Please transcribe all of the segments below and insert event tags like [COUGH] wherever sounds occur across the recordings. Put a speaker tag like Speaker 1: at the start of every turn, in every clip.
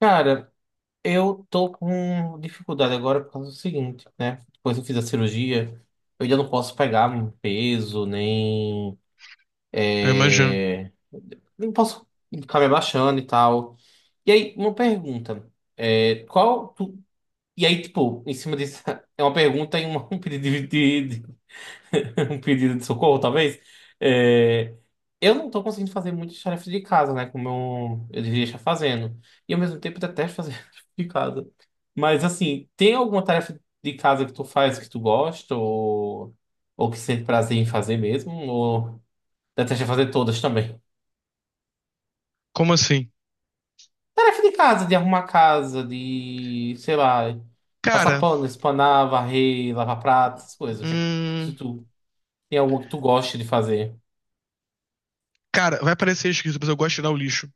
Speaker 1: Cara, eu tô com dificuldade agora por causa do seguinte, né? Depois eu fiz a cirurgia, eu ainda não posso pegar um peso, nem.
Speaker 2: Eu imagino.
Speaker 1: é, nem posso ficar me abaixando e tal. E aí, uma pergunta. é, qual. tu- E aí, tipo, em cima disso, [LAUGHS] é uma pergunta e um [LAUGHS] um pedido de, [LAUGHS] um pedido de socorro, talvez. É, eu não tô conseguindo fazer muitas tarefas de casa, né? Como eu deveria estar fazendo. E ao mesmo tempo detesto fazer [LAUGHS] tarefa de casa. Mas assim, tem alguma tarefa de casa que tu faz que tu gosta ou que sente prazer em fazer mesmo? Ou detesta fazer todas também?
Speaker 2: Como assim?
Speaker 1: Tarefa de casa, de arrumar a casa, de, sei lá, passar
Speaker 2: Cara,
Speaker 1: pano, espanar, varrer, lavar pratos, essas coisas. Se
Speaker 2: hum,
Speaker 1: tu tem algo que tu goste de fazer?
Speaker 2: cara, vai parecer esquisito, mas eu gosto de tirar o lixo.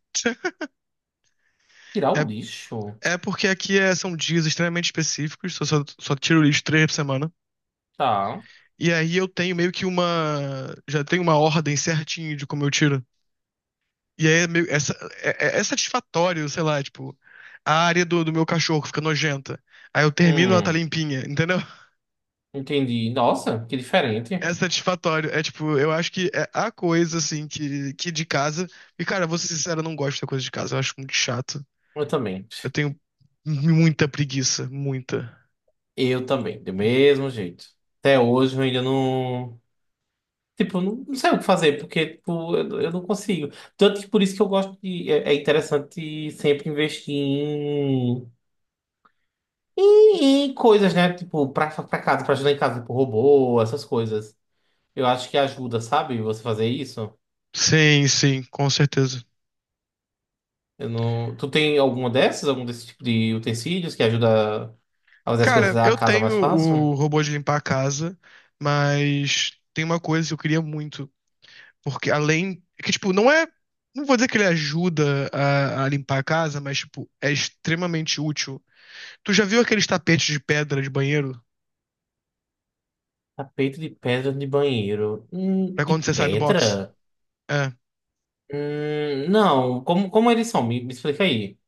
Speaker 1: Tirar o
Speaker 2: É,
Speaker 1: lixo?
Speaker 2: é porque aqui são dias extremamente específicos, só tiro o lixo 3 por semana.
Speaker 1: Tá.
Speaker 2: E aí eu tenho meio que uma. Já tenho uma ordem certinho de como eu tiro. E aí é meio, é satisfatório, sei lá, tipo, a área do meu cachorro fica nojenta. Aí eu termino, ela tá
Speaker 1: Hum,
Speaker 2: limpinha, entendeu?
Speaker 1: entendi. Nossa, que diferente.
Speaker 2: É satisfatório. É tipo, eu acho que é a coisa, assim, que de casa. E, cara, vou ser sincero, eu não gosto da coisa de casa. Eu acho muito chato.
Speaker 1: Eu também.
Speaker 2: Eu tenho muita preguiça, muita.
Speaker 1: Eu também, do mesmo jeito. Até hoje eu ainda não. Tipo, eu não, não sei o que fazer, porque tipo, eu não consigo. Tanto que por isso que eu gosto de. É, é interessante sempre investir em coisas, né? Tipo, pra casa, pra ajudar em casa, tipo, robô, essas coisas. Eu acho que ajuda, sabe? Você fazer isso.
Speaker 2: Sim, sim, com certeza.
Speaker 1: Eu não... Tu tem alguma dessas, algum desse tipo de utensílios que ajuda a fazer as coisas
Speaker 2: Cara,
Speaker 1: da
Speaker 2: eu
Speaker 1: casa
Speaker 2: tenho
Speaker 1: mais
Speaker 2: o
Speaker 1: fácil?
Speaker 2: robô de limpar a casa, mas tem uma coisa que eu queria muito. Porque além. É que, tipo, não é. Não vou dizer que ele ajuda a limpar a casa, mas, tipo, é extremamente útil. Tu já viu aqueles tapetes de pedra de banheiro?
Speaker 1: Tapete de pedra de banheiro.
Speaker 2: Pra quando
Speaker 1: De
Speaker 2: você sai do box?
Speaker 1: pedra?
Speaker 2: É.
Speaker 1: Não. Como eles são? Me explica aí.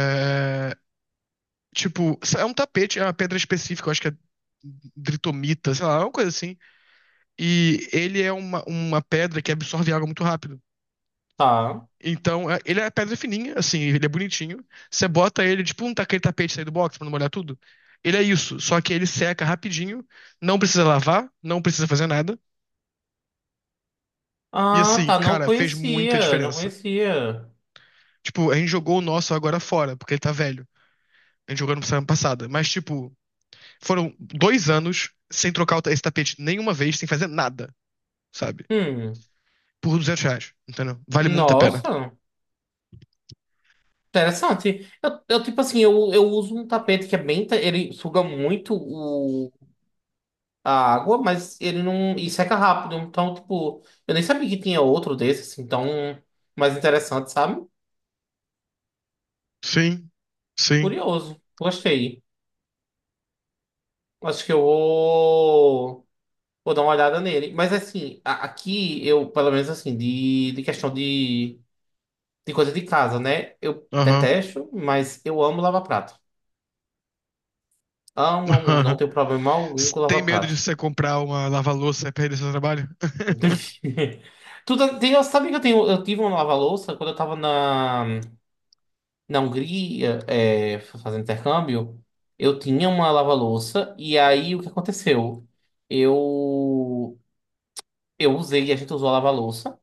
Speaker 2: é, tipo, é um tapete, é uma pedra específica, eu acho que é dritomita, sei lá, é uma coisa assim. E ele é uma pedra que absorve água muito rápido.
Speaker 1: Tá.
Speaker 2: Então, ele é pedra fininha, assim, ele é bonitinho. Você bota ele, tipo um aquele tapete aí do box pra não molhar tudo. Ele é isso, só que ele seca rapidinho, não precisa lavar, não precisa fazer nada. E
Speaker 1: Ah,
Speaker 2: assim,
Speaker 1: tá. Não
Speaker 2: cara, fez muita
Speaker 1: conhecia. Não
Speaker 2: diferença.
Speaker 1: conhecia.
Speaker 2: Tipo, a gente jogou o nosso agora fora, porque ele tá velho. A gente jogou no semana passada. Mas, tipo, foram 2 anos sem trocar esse tapete nenhuma vez, sem fazer nada, sabe?
Speaker 1: Hum.
Speaker 2: Por R$ 200, entendeu? Vale muito a pena.
Speaker 1: Nossa. Interessante. Eu tipo assim, eu uso um tapete que é bem. Ele suga muito o, a água, mas ele não. E seca rápido. Então, tipo, eu nem sabia que tinha outro desses, assim, tão mais interessante, sabe?
Speaker 2: Sim, sim,
Speaker 1: Curioso. Gostei. Acho que eu vou. Vou dar uma olhada nele. Mas assim, aqui eu, pelo menos assim, de questão de coisa de casa, né? Eu
Speaker 2: aham.
Speaker 1: detesto, mas eu amo lava-prato. Amo, amo, amo. Não
Speaker 2: [LAUGHS]
Speaker 1: tenho problema algum com
Speaker 2: Tem medo de
Speaker 1: lava-prato.
Speaker 2: você comprar uma lava-louça e perder seu trabalho?
Speaker 1: [LAUGHS] Tudo, tem, eu sabia que eu, tenho, eu tive uma lava-louça quando eu tava na Hungria, é, fazendo intercâmbio. Eu tinha uma lava-louça e aí o que aconteceu? Eu, eu usei, a gente usou a lava-louça.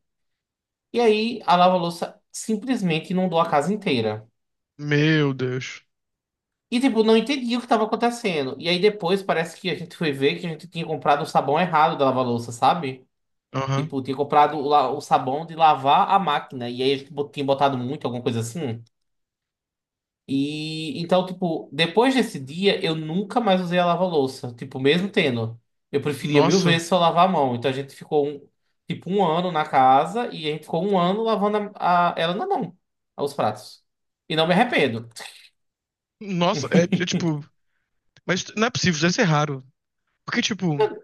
Speaker 1: E aí a lava-louça simplesmente inundou a casa inteira.
Speaker 2: [LAUGHS] Meu Deus.
Speaker 1: E, tipo, não entendi o que estava acontecendo. E aí depois parece que a gente foi ver que a gente tinha comprado o sabão errado da lava-louça, sabe?
Speaker 2: Aham.
Speaker 1: Tipo, tinha comprado o sabão de lavar a máquina. E aí a gente tinha botado muito, alguma coisa assim. E então, tipo, depois desse dia, eu nunca mais usei a lava-louça. Tipo, mesmo tendo. Eu preferia mil
Speaker 2: Nossa.
Speaker 1: vezes só lavar a mão. Então a gente ficou, tipo, um ano na casa e a gente ficou um ano lavando ela na mão, os pratos. E não me arrependo.
Speaker 2: Nossa, é tipo. Mas não é possível, deve ser raro. Porque, tipo,
Speaker 1: Eu não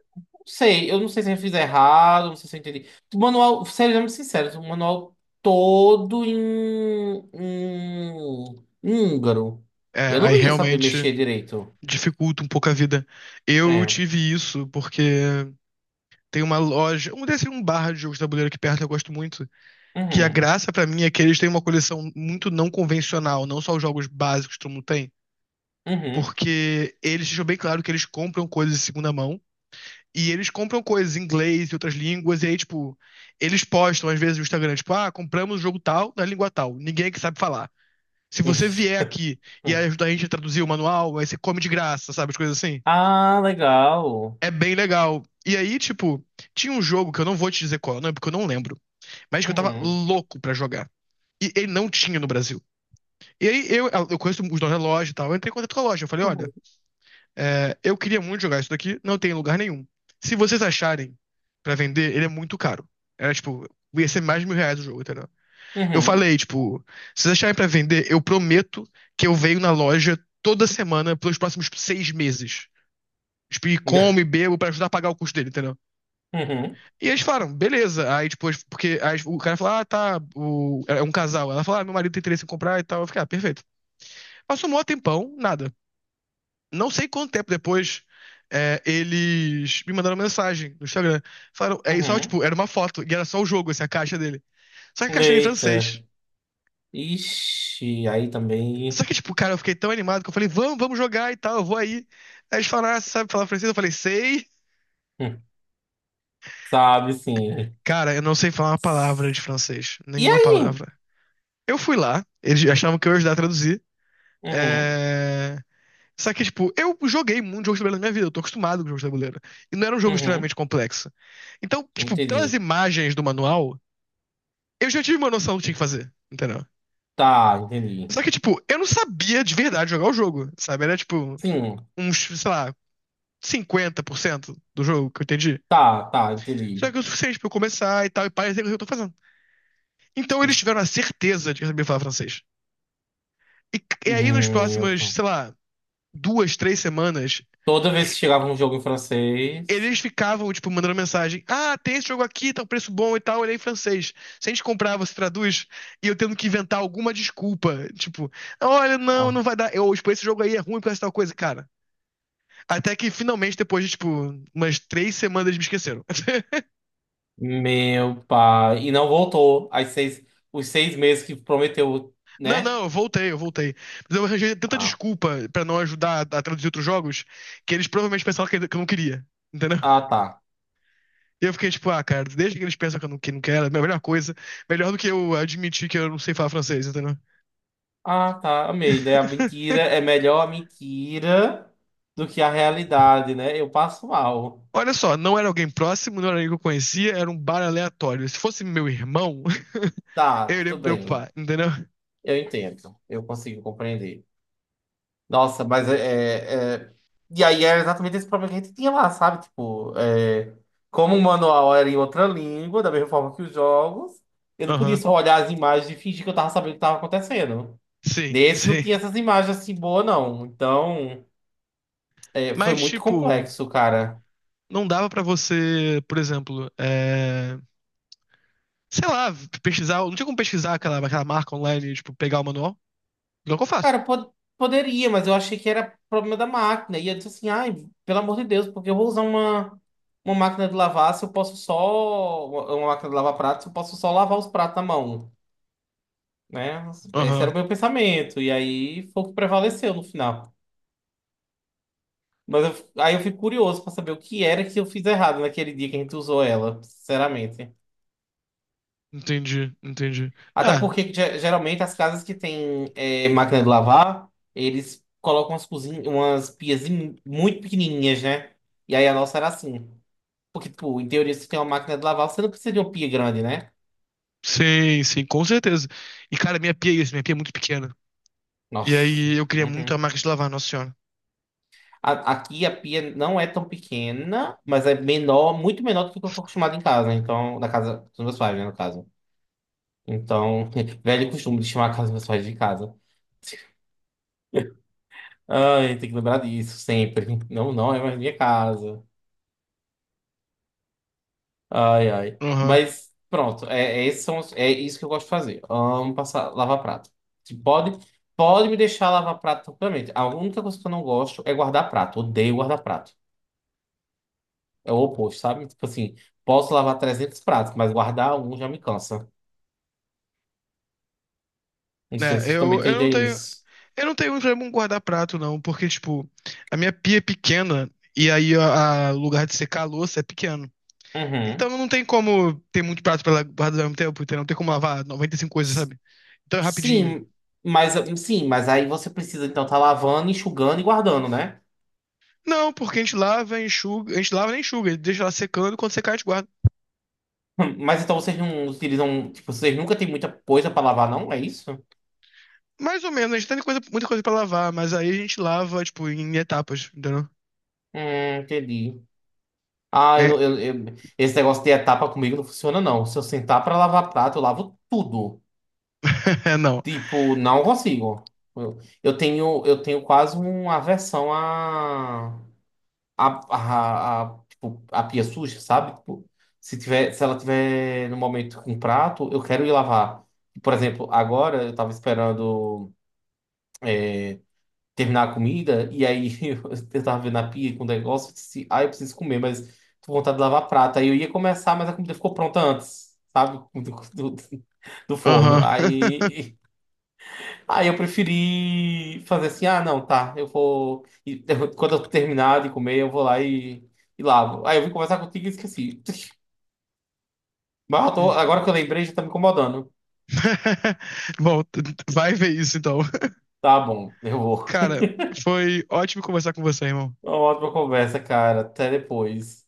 Speaker 1: sei, eu não sei se eu fiz errado, não sei se eu entendi. O manual, sério, sendo sincero, o manual todo em húngaro.
Speaker 2: é,
Speaker 1: Eu
Speaker 2: aí
Speaker 1: não ia saber mexer
Speaker 2: realmente
Speaker 1: direito.
Speaker 2: dificulta um pouco a vida. Eu
Speaker 1: É.
Speaker 2: tive isso porque tem uma loja, um desse um bar de jogos de tabuleiro aqui perto que eu gosto muito. Que a
Speaker 1: Uhum.
Speaker 2: graça pra mim é que eles têm uma coleção muito não convencional, não só os jogos básicos que todo mundo tem. Porque eles deixam bem claro que eles compram coisas de segunda mão. E eles compram coisas em inglês e outras línguas, e aí, tipo, eles postam às vezes no Instagram, tipo, ah, compramos o jogo tal na língua tal, ninguém é que sabe falar. Se
Speaker 1: Uhum.
Speaker 2: você vier aqui e
Speaker 1: [LAUGHS]
Speaker 2: ajudar a gente a traduzir o manual, aí você come de graça, sabe? As coisas assim.
Speaker 1: Ah, legal.
Speaker 2: É bem legal. E aí, tipo, tinha um jogo que eu não vou te dizer qual, não, porque eu não lembro, mas que eu tava
Speaker 1: Uhum.
Speaker 2: louco pra jogar. E ele não tinha no Brasil. E aí eu conheço os donos da loja e tal, eu entrei em contato com a loja, eu falei,
Speaker 1: Uhum.
Speaker 2: olha. É, eu queria muito jogar isso daqui, não tem em lugar nenhum. Se vocês acharem pra vender, ele é muito caro. Era tipo, ia ser mais de R$ 1.000 o jogo, entendeu? Eu
Speaker 1: Uhum.
Speaker 2: falei, tipo, se vocês acharem pra vender, eu prometo que eu venho na loja toda semana pelos próximos 6 meses. Tipo, e como e bebo pra ajudar a pagar o custo dele, entendeu?
Speaker 1: Uhum.
Speaker 2: E eles falaram, beleza. Aí depois, porque aí o cara falou, ah, tá, o... é um casal. Ela falou, ah, meu marido tem interesse em comprar e tal. Eu fiquei, ah, perfeito. Passou um maior tempão, nada. Não sei quanto tempo depois, é, eles me mandaram mensagem no Instagram. Falaram, é só,
Speaker 1: Uhum.
Speaker 2: tipo, era uma foto, e era só o jogo, assim, a caixa dele. Só que a caixa era em francês.
Speaker 1: Eita. Ixi, aí
Speaker 2: Só
Speaker 1: também.
Speaker 2: que, tipo, cara, eu fiquei tão animado que eu falei, vamos, vamos jogar e tal, eu vou aí. Aí eles falaram, ah, você sabe falar francês? Eu falei, sei.
Speaker 1: hum, Sabe, sim.
Speaker 2: Cara, eu não sei falar uma palavra de francês.
Speaker 1: E
Speaker 2: Nenhuma
Speaker 1: aí?
Speaker 2: palavra. Eu fui lá, eles achavam que eu ia ajudar a traduzir.
Speaker 1: Uhum.
Speaker 2: É... Só que, tipo, eu joguei muito jogo de tabuleiro na minha vida, eu tô acostumado com jogos de tabuleiro. E não era um jogo
Speaker 1: Uhum.
Speaker 2: extremamente complexo. Então, tipo, pelas
Speaker 1: Entendi.
Speaker 2: imagens do manual, eu já tive uma noção do que tinha que fazer, entendeu?
Speaker 1: Tá, entendi.
Speaker 2: Só que, tipo, eu não sabia de verdade jogar o jogo, sabe? Era, tipo,
Speaker 1: Sim,
Speaker 2: uns, sei lá, 50% do jogo que eu entendi.
Speaker 1: tá, tá,
Speaker 2: Só
Speaker 1: entendi.
Speaker 2: que é o suficiente pra eu começar e tal, e parecer o que eu tô fazendo. Então eles tiveram a certeza de que eu sabia falar francês. E, e aí, nas
Speaker 1: Meu
Speaker 2: próximas,
Speaker 1: pai.
Speaker 2: sei lá, 2, 3 semanas,
Speaker 1: Toda vez que chegava um jogo em francês.
Speaker 2: eles ficavam, tipo, mandando mensagem. Ah, tem esse jogo aqui, tá um preço bom e tal, ele é em francês. Se a gente comprar, você traduz? E eu tendo que inventar alguma desculpa. Tipo, olha, não,
Speaker 1: ah,
Speaker 2: não vai dar. Eu, tipo, esse jogo aí é ruim por essa tal coisa, cara. Até que finalmente, depois de, tipo, umas 3 semanas, eles me esqueceram. [LAUGHS]
Speaker 1: Meu pai. E não voltou. Os 6 meses que prometeu,
Speaker 2: Não,
Speaker 1: né?
Speaker 2: não, eu voltei, eu voltei. Mas eu arranjei tanta
Speaker 1: Ah,
Speaker 2: desculpa pra não ajudar a traduzir outros jogos que eles provavelmente pensavam que eu não queria. Entendeu?
Speaker 1: ah, tá.
Speaker 2: E eu fiquei tipo, ah, cara, desde que eles pensam que eu não, que não quero, é a melhor coisa. Melhor do que eu admitir que eu não sei falar francês, entendeu?
Speaker 1: Ah, tá, amei, né? A
Speaker 2: [LAUGHS]
Speaker 1: mentira é melhor a mentira do que a realidade, né? Eu passo mal.
Speaker 2: Olha só, não era alguém próximo, não era alguém que eu conhecia, era um bar aleatório. Se fosse meu irmão, [LAUGHS]
Speaker 1: Tá,
Speaker 2: eu iria
Speaker 1: tudo
Speaker 2: me
Speaker 1: bem.
Speaker 2: preocupar, entendeu?
Speaker 1: Eu entendo. Eu consigo compreender. Nossa, mas é, é- é- e aí era exatamente esse problema que a gente tinha lá, sabe? Tipo, é, como o manual era em outra língua, da mesma forma que os jogos, eu não podia
Speaker 2: Aham.
Speaker 1: só olhar as imagens e fingir que eu tava sabendo o que tava acontecendo.
Speaker 2: Sim, [LAUGHS]
Speaker 1: Nesse não
Speaker 2: sim.
Speaker 1: tinha essas imagens assim boas, não. Então, é, foi
Speaker 2: Mas,
Speaker 1: muito
Speaker 2: tipo,
Speaker 1: complexo, cara.
Speaker 2: não dava pra você, por exemplo, é... sei lá, pesquisar. Não tinha como pesquisar aquela marca online, tipo, pegar o manual. Não é o que eu faço.
Speaker 1: Cara, poderia, mas eu achei que era problema da máquina. E eu disse assim, ai, pelo amor de Deus, porque eu vou usar uma máquina de lavar se eu posso só. Uma máquina de lavar pratos, se eu posso só lavar os pratos na mão, né? Esse era o
Speaker 2: Aham,
Speaker 1: meu pensamento. E aí foi o que prevaleceu no final. Aí eu fico curioso pra saber o que era que eu fiz errado naquele dia que a gente usou ela, sinceramente.
Speaker 2: entendi, entendi.
Speaker 1: Até
Speaker 2: Ah,
Speaker 1: porque geralmente as casas que têm é, máquina de lavar, eles colocam umas cozinhas, umas pias muito pequenininhas, né? E aí a nossa era assim. Porque, tipo, em teoria, se tem uma máquina de lavar, você não precisa de uma pia grande, né?
Speaker 2: sim, sim, com certeza. E, cara, minha pia é isso, minha pia é muito pequena. E
Speaker 1: Nossa.
Speaker 2: aí eu queria muito a
Speaker 1: Uhum.
Speaker 2: marca de lavar, Nossa Senhora.
Speaker 1: Aqui a pia não é tão pequena, mas é menor, muito menor do que eu tô acostumado em casa, né? Então, na casa dos meus pais, né, no caso. Então, [LAUGHS] velho costume de chamar a casa dos meus pais de casa. Ai, tem que lembrar disso sempre. Não, não é mais minha casa. Ai, ai.
Speaker 2: Aham.
Speaker 1: Mas pronto, é, é, esses são é isso que eu gosto de fazer. Amo passar, lavar prato. Se Pode, pode me deixar lavar prato tranquilamente. A única coisa que eu não gosto é guardar prato. Odeio guardar prato. É o oposto, sabe? Tipo assim, posso lavar 300 pratos, mas guardar um já me cansa. Não sei
Speaker 2: É,
Speaker 1: se você também
Speaker 2: eu não
Speaker 1: tem
Speaker 2: tenho.
Speaker 1: isso.
Speaker 2: Eu não tenho muito problema com guardar prato, não, porque, tipo, a minha pia é pequena e aí o lugar de secar a louça é pequeno.
Speaker 1: Uhum.
Speaker 2: Então não tem como ter muito prato pra guardar ao mesmo tempo, entendeu? Não tem como lavar 95 coisas,
Speaker 1: S-
Speaker 2: sabe? Então é rapidinho.
Speaker 1: Sim, mas sim, mas aí você precisa então estar lavando, enxugando e guardando, né?
Speaker 2: Não, porque a gente lava, enxuga, a gente lava nem enxuga, deixa lá secando, quando secar a gente guarda.
Speaker 1: Mas então vocês não utilizam, tipo, vocês nunca têm muita coisa para lavar, não? É isso?
Speaker 2: Mais ou menos, a gente tem coisa, muita coisa pra lavar, mas aí a gente lava, tipo, em etapas, entendeu?
Speaker 1: É, entendi. Ah,
Speaker 2: É,
Speaker 1: eu, esse negócio de etapa comigo não funciona, não. Se eu sentar pra lavar prato, eu lavo tudo.
Speaker 2: [LAUGHS] é, não.
Speaker 1: Tipo, não consigo. Eu tenho, eu tenho quase uma aversão tipo, a pia suja, sabe? Tipo, se tiver, se ela tiver no momento com prato, eu quero ir lavar. Por exemplo, agora eu tava esperando. é, terminar a comida, e aí [LAUGHS] eu tava vendo a pia com o negócio, eu disse, ah, eu preciso comer, mas tô com vontade de lavar prato. Aí eu ia começar, mas a comida ficou pronta antes, sabe? [LAUGHS] Do, do, do forno.
Speaker 2: Aham.
Speaker 1: Aí eu preferi fazer assim, ah, não, tá, eu vou. E [LAUGHS] quando eu terminar de comer, eu vou lá e lavo. Aí eu vim conversar contigo e esqueci. [LAUGHS] Agora que eu lembrei, já tá me incomodando.
Speaker 2: [LAUGHS] Bom, vai ver isso então.
Speaker 1: Tá bom, eu vou.
Speaker 2: Cara, foi ótimo conversar com você, irmão.
Speaker 1: Uma ótima conversa, cara. Até depois.